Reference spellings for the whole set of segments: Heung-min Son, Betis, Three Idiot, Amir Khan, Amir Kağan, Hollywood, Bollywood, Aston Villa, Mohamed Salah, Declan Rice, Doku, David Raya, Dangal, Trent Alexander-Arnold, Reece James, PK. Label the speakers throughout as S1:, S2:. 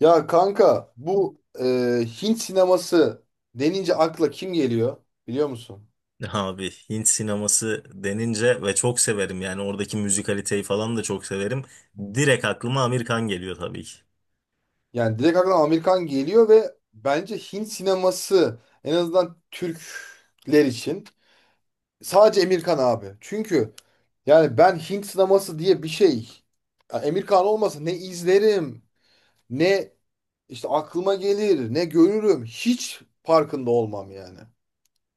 S1: Ya kanka bu Hint sineması denince akla kim geliyor, biliyor musun?
S2: Abi Hint sineması denince ve çok severim yani oradaki müzikaliteyi falan da çok severim. Direkt aklıma Amir Khan geliyor tabii ki.
S1: Yani direkt akla Amerikan geliyor ve bence Hint sineması en azından Türkler için sadece Emirkan abi. Çünkü yani ben Hint sineması diye bir şey, ya Emirkan olmasa ne izlerim, ne işte aklıma gelir, ne görürüm, hiç farkında olmam yani.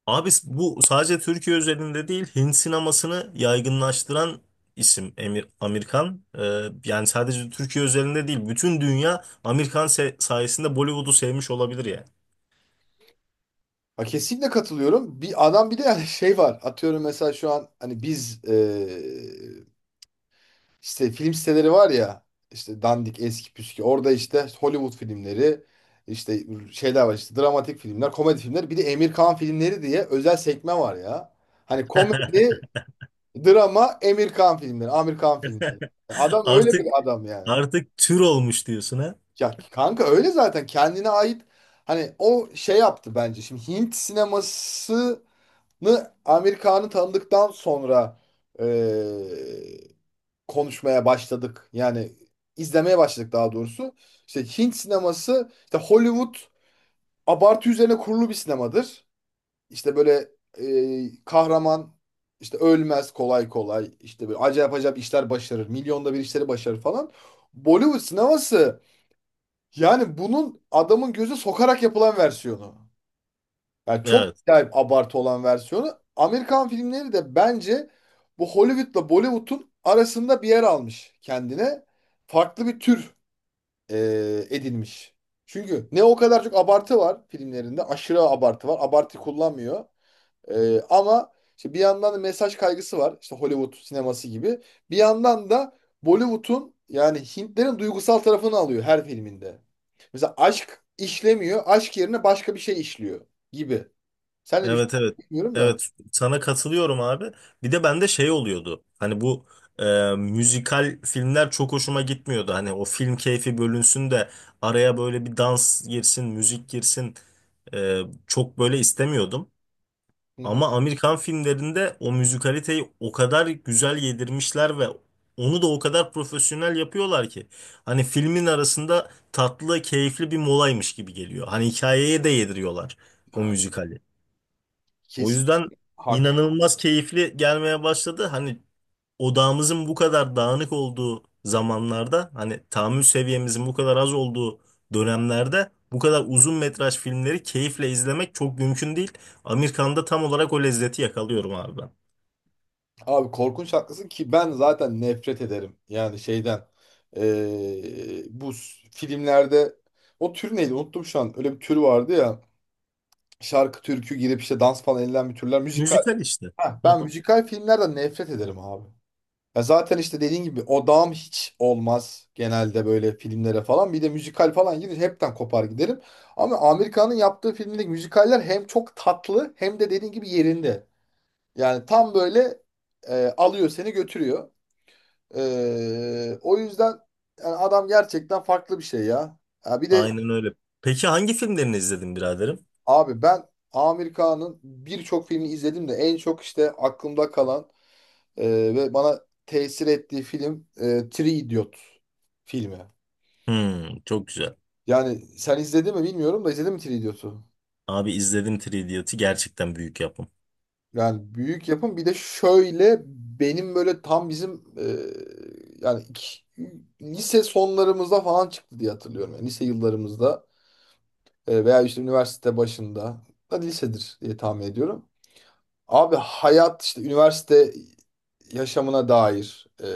S2: Abi bu sadece Türkiye özelinde değil Hint sinemasını yaygınlaştıran isim Amir Khan. Yani sadece Türkiye özelinde değil bütün dünya Amir Khan sayesinde Bollywood'u sevmiş olabilir yani.
S1: Ha, kesinlikle katılıyorum. Bir adam, bir de yani şey var. Atıyorum mesela şu an hani biz işte film siteleri var ya, işte dandik eski püskü, orada işte Hollywood filmleri işte şeyler var, işte dramatik filmler, komedi filmler, bir de Emir Kağan filmleri diye özel sekme var ya. Hani komedi, drama, Emir Kağan filmleri, Amir Kağan filmleri. Adam öyle bir
S2: Artık
S1: adam yani.
S2: artık tür olmuş diyorsun ha.
S1: Ya kanka öyle zaten, kendine ait hani o şey yaptı bence. Şimdi Hint sineması Amerikan'ı tanıdıktan sonra eee, konuşmaya başladık. Yani izlemeye başladık daha doğrusu. İşte Hint sineması, işte Hollywood abartı üzerine kurulu bir sinemadır. İşte böyle kahraman işte ölmez kolay kolay. İşte böyle acayip acayip işler başarır. Milyonda bir işleri başarır falan. Bollywood sineması yani bunun adamın gözü sokarak yapılan versiyonu. Yani çok
S2: Evet.
S1: acayip abartı olan versiyonu. Amerikan filmleri de bence bu Hollywood'la Bollywood'un arasında bir yer almış kendine. Farklı bir tür edinmiş. Çünkü ne o kadar çok abartı var filmlerinde. Aşırı abartı var. Abartı kullanmıyor. Ama işte bir yandan da mesaj kaygısı var. İşte Hollywood sineması gibi. Bir yandan da Bollywood'un yani Hintlerin duygusal tarafını alıyor her filminde. Mesela aşk işlemiyor. Aşk yerine başka bir şey işliyor gibi. Sen ne
S2: Evet
S1: düşünüyorsun
S2: evet.
S1: bilmiyorum da.
S2: Evet sana katılıyorum abi. Bir de bende şey oluyordu. Hani bu e, müzikal filmler çok hoşuma gitmiyordu. Hani o film keyfi bölünsün de araya böyle bir dans girsin, müzik girsin. e, çok böyle istemiyordum.
S1: Hı hı.
S2: Ama Amerikan filmlerinde o müzikaliteyi o kadar güzel yedirmişler ve onu da o kadar profesyonel yapıyorlar ki. Hani filmin arasında tatlı, keyifli bir molaymış gibi geliyor. Hani hikayeye de yediriyorlar o müzikali. O
S1: Kesin
S2: yüzden
S1: hak.
S2: inanılmaz keyifli gelmeye başladı. Hani odağımızın bu kadar dağınık olduğu zamanlarda, hani tahammül seviyemizin bu kadar az olduğu dönemlerde bu kadar uzun metraj filmleri keyifle izlemek çok mümkün değil. Amerikan'da tam olarak o lezzeti yakalıyorum abi ben.
S1: Abi korkunç haklısın ki ben zaten nefret ederim. Yani şeyden. Bu filmlerde o tür neydi? Unuttum şu an. Öyle bir tür vardı ya. Şarkı, türkü girip işte dans falan edilen bir türler. Müzikal.
S2: Müzikal işte.
S1: Ha,
S2: Hı
S1: ben
S2: hı.
S1: müzikal filmlerden nefret ederim abi. Ya zaten işte dediğin gibi odağım hiç olmaz genelde böyle filmlere falan. Bir de müzikal falan girince hepten kopar giderim. Ama Amerika'nın yaptığı filmdeki müzikaller hem çok tatlı hem de dediğin gibi yerinde. Yani tam böyle alıyor seni götürüyor. O yüzden yani adam gerçekten farklı bir şey ya. Ya bir de
S2: Aynen öyle. Peki hangi filmlerini izledin biraderim?
S1: abi ben Amir Kağan'ın birçok filmini izledim de en çok işte aklımda kalan e, ve bana tesir ettiği film Three Idiot filmi.
S2: Hmm, çok güzel.
S1: Yani sen izledin mi bilmiyorum da, izledin mi Three Idiot'u?
S2: Abi izledim Three Idiot'ı gerçekten büyük yapım.
S1: Yani büyük yapım, bir de şöyle benim böyle tam bizim yani lise sonlarımızda falan çıktı diye hatırlıyorum. Yani lise yıllarımızda veya işte üniversite başında, hadi lisedir diye tahmin ediyorum. Abi hayat işte üniversite yaşamına dair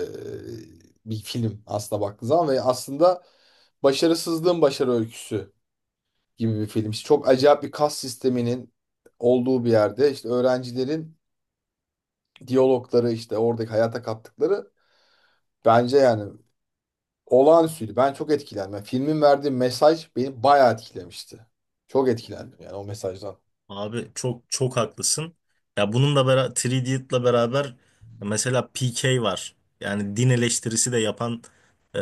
S1: bir film aslında baktığın zaman, ve aslında başarısızlığın başarı öyküsü gibi bir film. İşte çok acayip bir kas sisteminin olduğu bir yerde işte öğrencilerin diyalogları, işte oradaki hayata kattıkları bence yani olağanüstüydü. Ben çok etkilendim. Yani filmin verdiği mesaj beni bayağı etkilemişti. Çok etkilendim yani o mesajdan.
S2: Abi çok çok haklısın. Ya bununla beraber 3D'yle beraber mesela PK var. Yani din eleştirisi de yapan e,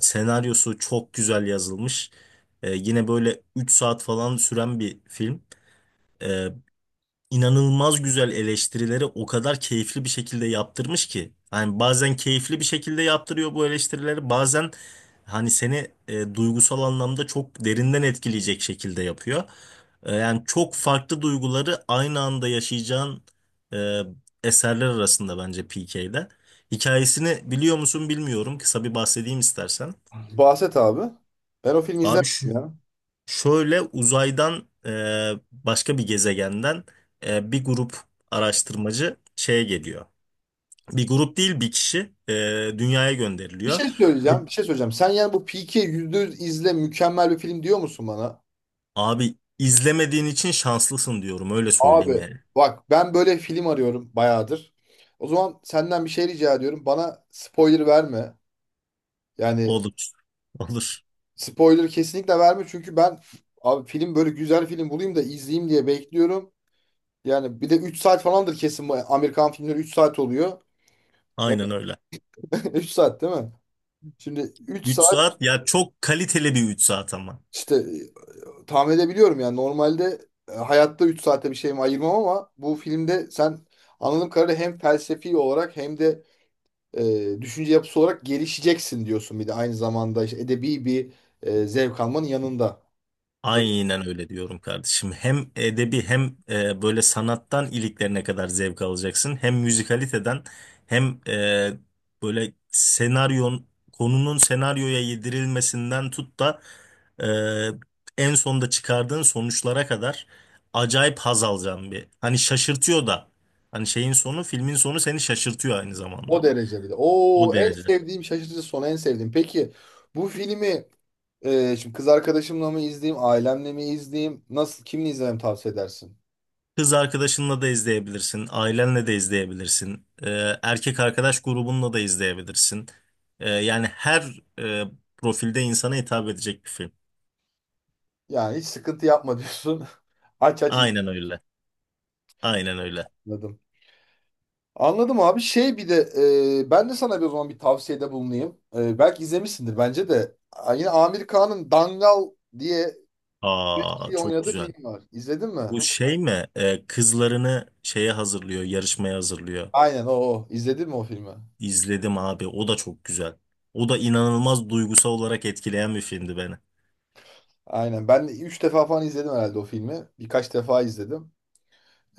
S2: senaryosu çok güzel yazılmış. Yine böyle 3 saat falan süren bir film inanılmaz güzel eleştirileri o kadar keyifli bir şekilde yaptırmış ki. Hani bazen keyifli bir şekilde yaptırıyor bu eleştirileri, bazen hani seni duygusal anlamda çok derinden etkileyecek şekilde yapıyor. Yani çok farklı duyguları aynı anda yaşayacağın e, eserler arasında bence PK'de. Hikayesini biliyor musun bilmiyorum. Kısa bir bahsedeyim istersen.
S1: Bahset abi. Ben o filmi
S2: Abi
S1: izlemedim
S2: şu
S1: ya.
S2: Şöyle uzaydan başka bir gezegenden bir grup araştırmacı şeye geliyor. Bir grup değil bir kişi dünyaya
S1: Bir
S2: gönderiliyor.
S1: şey
S2: Ve
S1: söyleyeceğim, bir şey söyleyeceğim. Sen yani bu Peaky yüz izle, mükemmel bir film diyor musun bana?
S2: abi izlemediğin için şanslısın diyorum öyle söyleyeyim
S1: Abi
S2: yani.
S1: bak, ben böyle film arıyorum bayağıdır. O zaman senden bir şey rica ediyorum. Bana spoiler verme. Yani
S2: Olur. Olur.
S1: spoiler kesinlikle verme çünkü ben abi film, böyle güzel film bulayım da izleyeyim diye bekliyorum. Yani bir de 3 saat falandır kesin, bu Amerikan filmleri 3 saat oluyor. Ya
S2: Aynen öyle.
S1: 3 saat değil mi? Şimdi 3
S2: Üç
S1: saat
S2: saat ya çok kaliteli bir 3 saat ama.
S1: işte tahmin edebiliyorum yani, normalde hayatta 3 saate bir şeyimi ayırmam, ama bu filmde sen anladığım kadarıyla hem felsefi olarak hem de düşünce yapısı olarak gelişeceksin diyorsun, bir de aynı zamanda işte edebi bir zevk almanın yanında.
S2: Aynen öyle diyorum kardeşim. Hem edebi hem böyle sanattan iliklerine kadar zevk alacaksın. Hem müzikaliteden hem böyle senaryon konunun senaryoya yedirilmesinden tut da en sonda çıkardığın sonuçlara kadar acayip haz alacağım bir. Hani şaşırtıyor da. Hani şeyin sonu filmin sonu seni şaşırtıyor aynı
S1: O
S2: zamanda.
S1: derecede.
S2: O
S1: Oo, en
S2: derece.
S1: sevdiğim şaşırtıcı son, en sevdiğim. Peki bu filmi şimdi kız arkadaşımla mı izleyeyim, ailemle mi izleyeyim, nasıl, kimle izlememi tavsiye edersin?
S2: Kız arkadaşınla da izleyebilirsin, ailenle de izleyebilirsin, erkek arkadaş grubunla da izleyebilirsin. Yani her profilde insana hitap edecek bir film.
S1: Yani hiç sıkıntı yapma diyorsun. Aç aç
S2: Aynen öyle, aynen öyle.
S1: izledim. Anladım abi. Şey, bir de ben de sana bir, o zaman bir tavsiyede bulunayım. Belki izlemişsindir bence de. Yine Amir Kağan'ın Dangal diye bir
S2: Aa
S1: şey
S2: çok
S1: oynadığı
S2: güzel.
S1: film var. İzledin mi?
S2: Bu şey mi? Kızlarını şeye hazırlıyor, yarışmaya hazırlıyor.
S1: Aynen o. İzledin mi o filmi?
S2: İzledim abi, o da çok güzel. O da inanılmaz duygusal olarak etkileyen bir filmdi beni.
S1: Aynen. Ben 3 defa falan izledim herhalde o filmi. Birkaç defa izledim.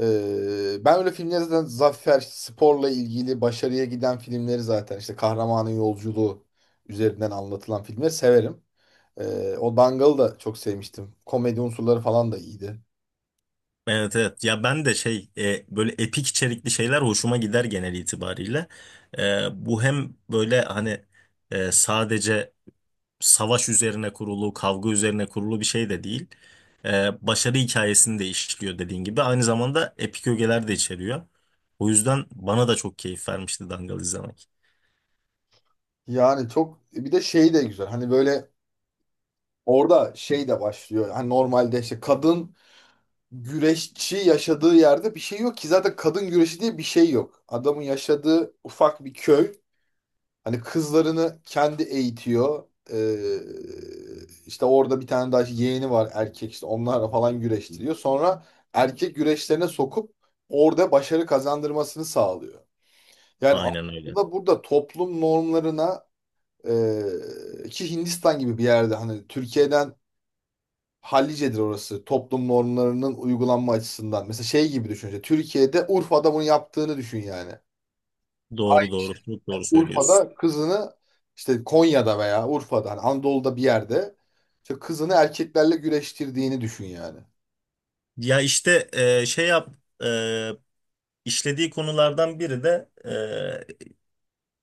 S1: Ben öyle filmleri zaten, zafer, sporla ilgili başarıya giden filmleri, zaten işte kahramanın yolculuğu üzerinden anlatılan filmleri severim. O Dangal'ı da çok sevmiştim. Komedi unsurları falan da iyiydi.
S2: Evet evet ya ben de şey böyle epik içerikli şeyler hoşuma gider genel itibariyle. Bu hem böyle hani sadece savaş üzerine kurulu, kavga üzerine kurulu bir şey de değil. Başarı hikayesini de işliyor dediğin gibi. Aynı zamanda epik ögeler de içeriyor. O yüzden bana da çok keyif vermişti Dangal izlemek.
S1: Yani çok, bir de şey de güzel. Hani böyle orada şey de başlıyor. Hani normalde işte kadın güreşçi, yaşadığı yerde bir şey yok ki, zaten kadın güreşi diye bir şey yok. Adamın yaşadığı ufak bir köy. Hani kızlarını kendi eğitiyor. İşte orada bir tane daha işte yeğeni var erkek, işte onlarla falan güreştiriyor. Sonra erkek güreşlerine sokup orada başarı kazandırmasını sağlıyor. Yani
S2: Aynen öyle.
S1: aslında burada toplum normlarına ki Hindistan gibi bir yerde, hani Türkiye'den hallicedir orası toplum normlarının uygulanma açısından. Mesela şey gibi düşün. İşte Türkiye'de Urfa'da bunu yaptığını düşün yani.
S2: Doğru doğru çok doğru söylüyorsun.
S1: Urfa'da kızını, işte Konya'da veya Urfa'da, hani Anadolu'da bir yerde işte kızını erkeklerle güreştirdiğini düşün yani.
S2: Ya işte e, işlediği konulardan biri de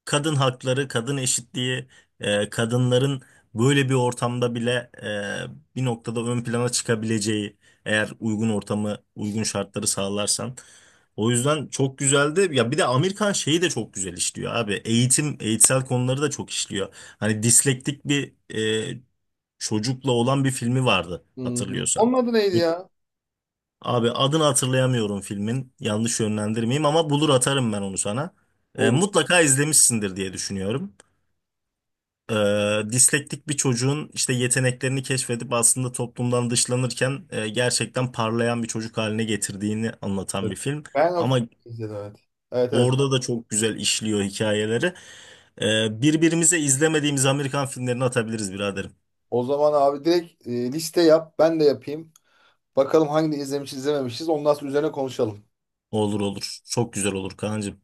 S2: kadın hakları, kadın eşitliği, kadınların böyle bir ortamda bile bir noktada ön plana çıkabileceği eğer uygun ortamı, uygun şartları sağlarsan. O yüzden çok güzeldi. Ya bir de Amerikan şeyi de çok güzel işliyor abi. Eğitim, eğitsel konuları da çok işliyor. Hani dislektik bir e, çocukla olan bir filmi vardı
S1: Hmm.
S2: hatırlıyorsan.
S1: Onun adı neydi ya?
S2: Abi adını hatırlayamıyorum filmin. Yanlış yönlendirmeyeyim ama bulur atarım ben onu sana. E,
S1: Oğlum.
S2: mutlaka izlemişsindir diye düşünüyorum. Dislektik bir çocuğun işte yeteneklerini keşfedip aslında toplumdan dışlanırken gerçekten parlayan bir çocuk haline getirdiğini anlatan
S1: Evet.
S2: bir film.
S1: Ben of
S2: Ama
S1: izledim, evet. Evet, evet.
S2: orada da çok güzel işliyor hikayeleri. Birbirimize izlemediğimiz Amerikan filmlerini atabiliriz biraderim.
S1: O zaman abi direkt liste yap. Ben de yapayım. Bakalım hangi izlemişiz, izlememişiz. Ondan sonra üzerine konuşalım.
S2: Olur olur. Çok güzel olur Kaan'cığım.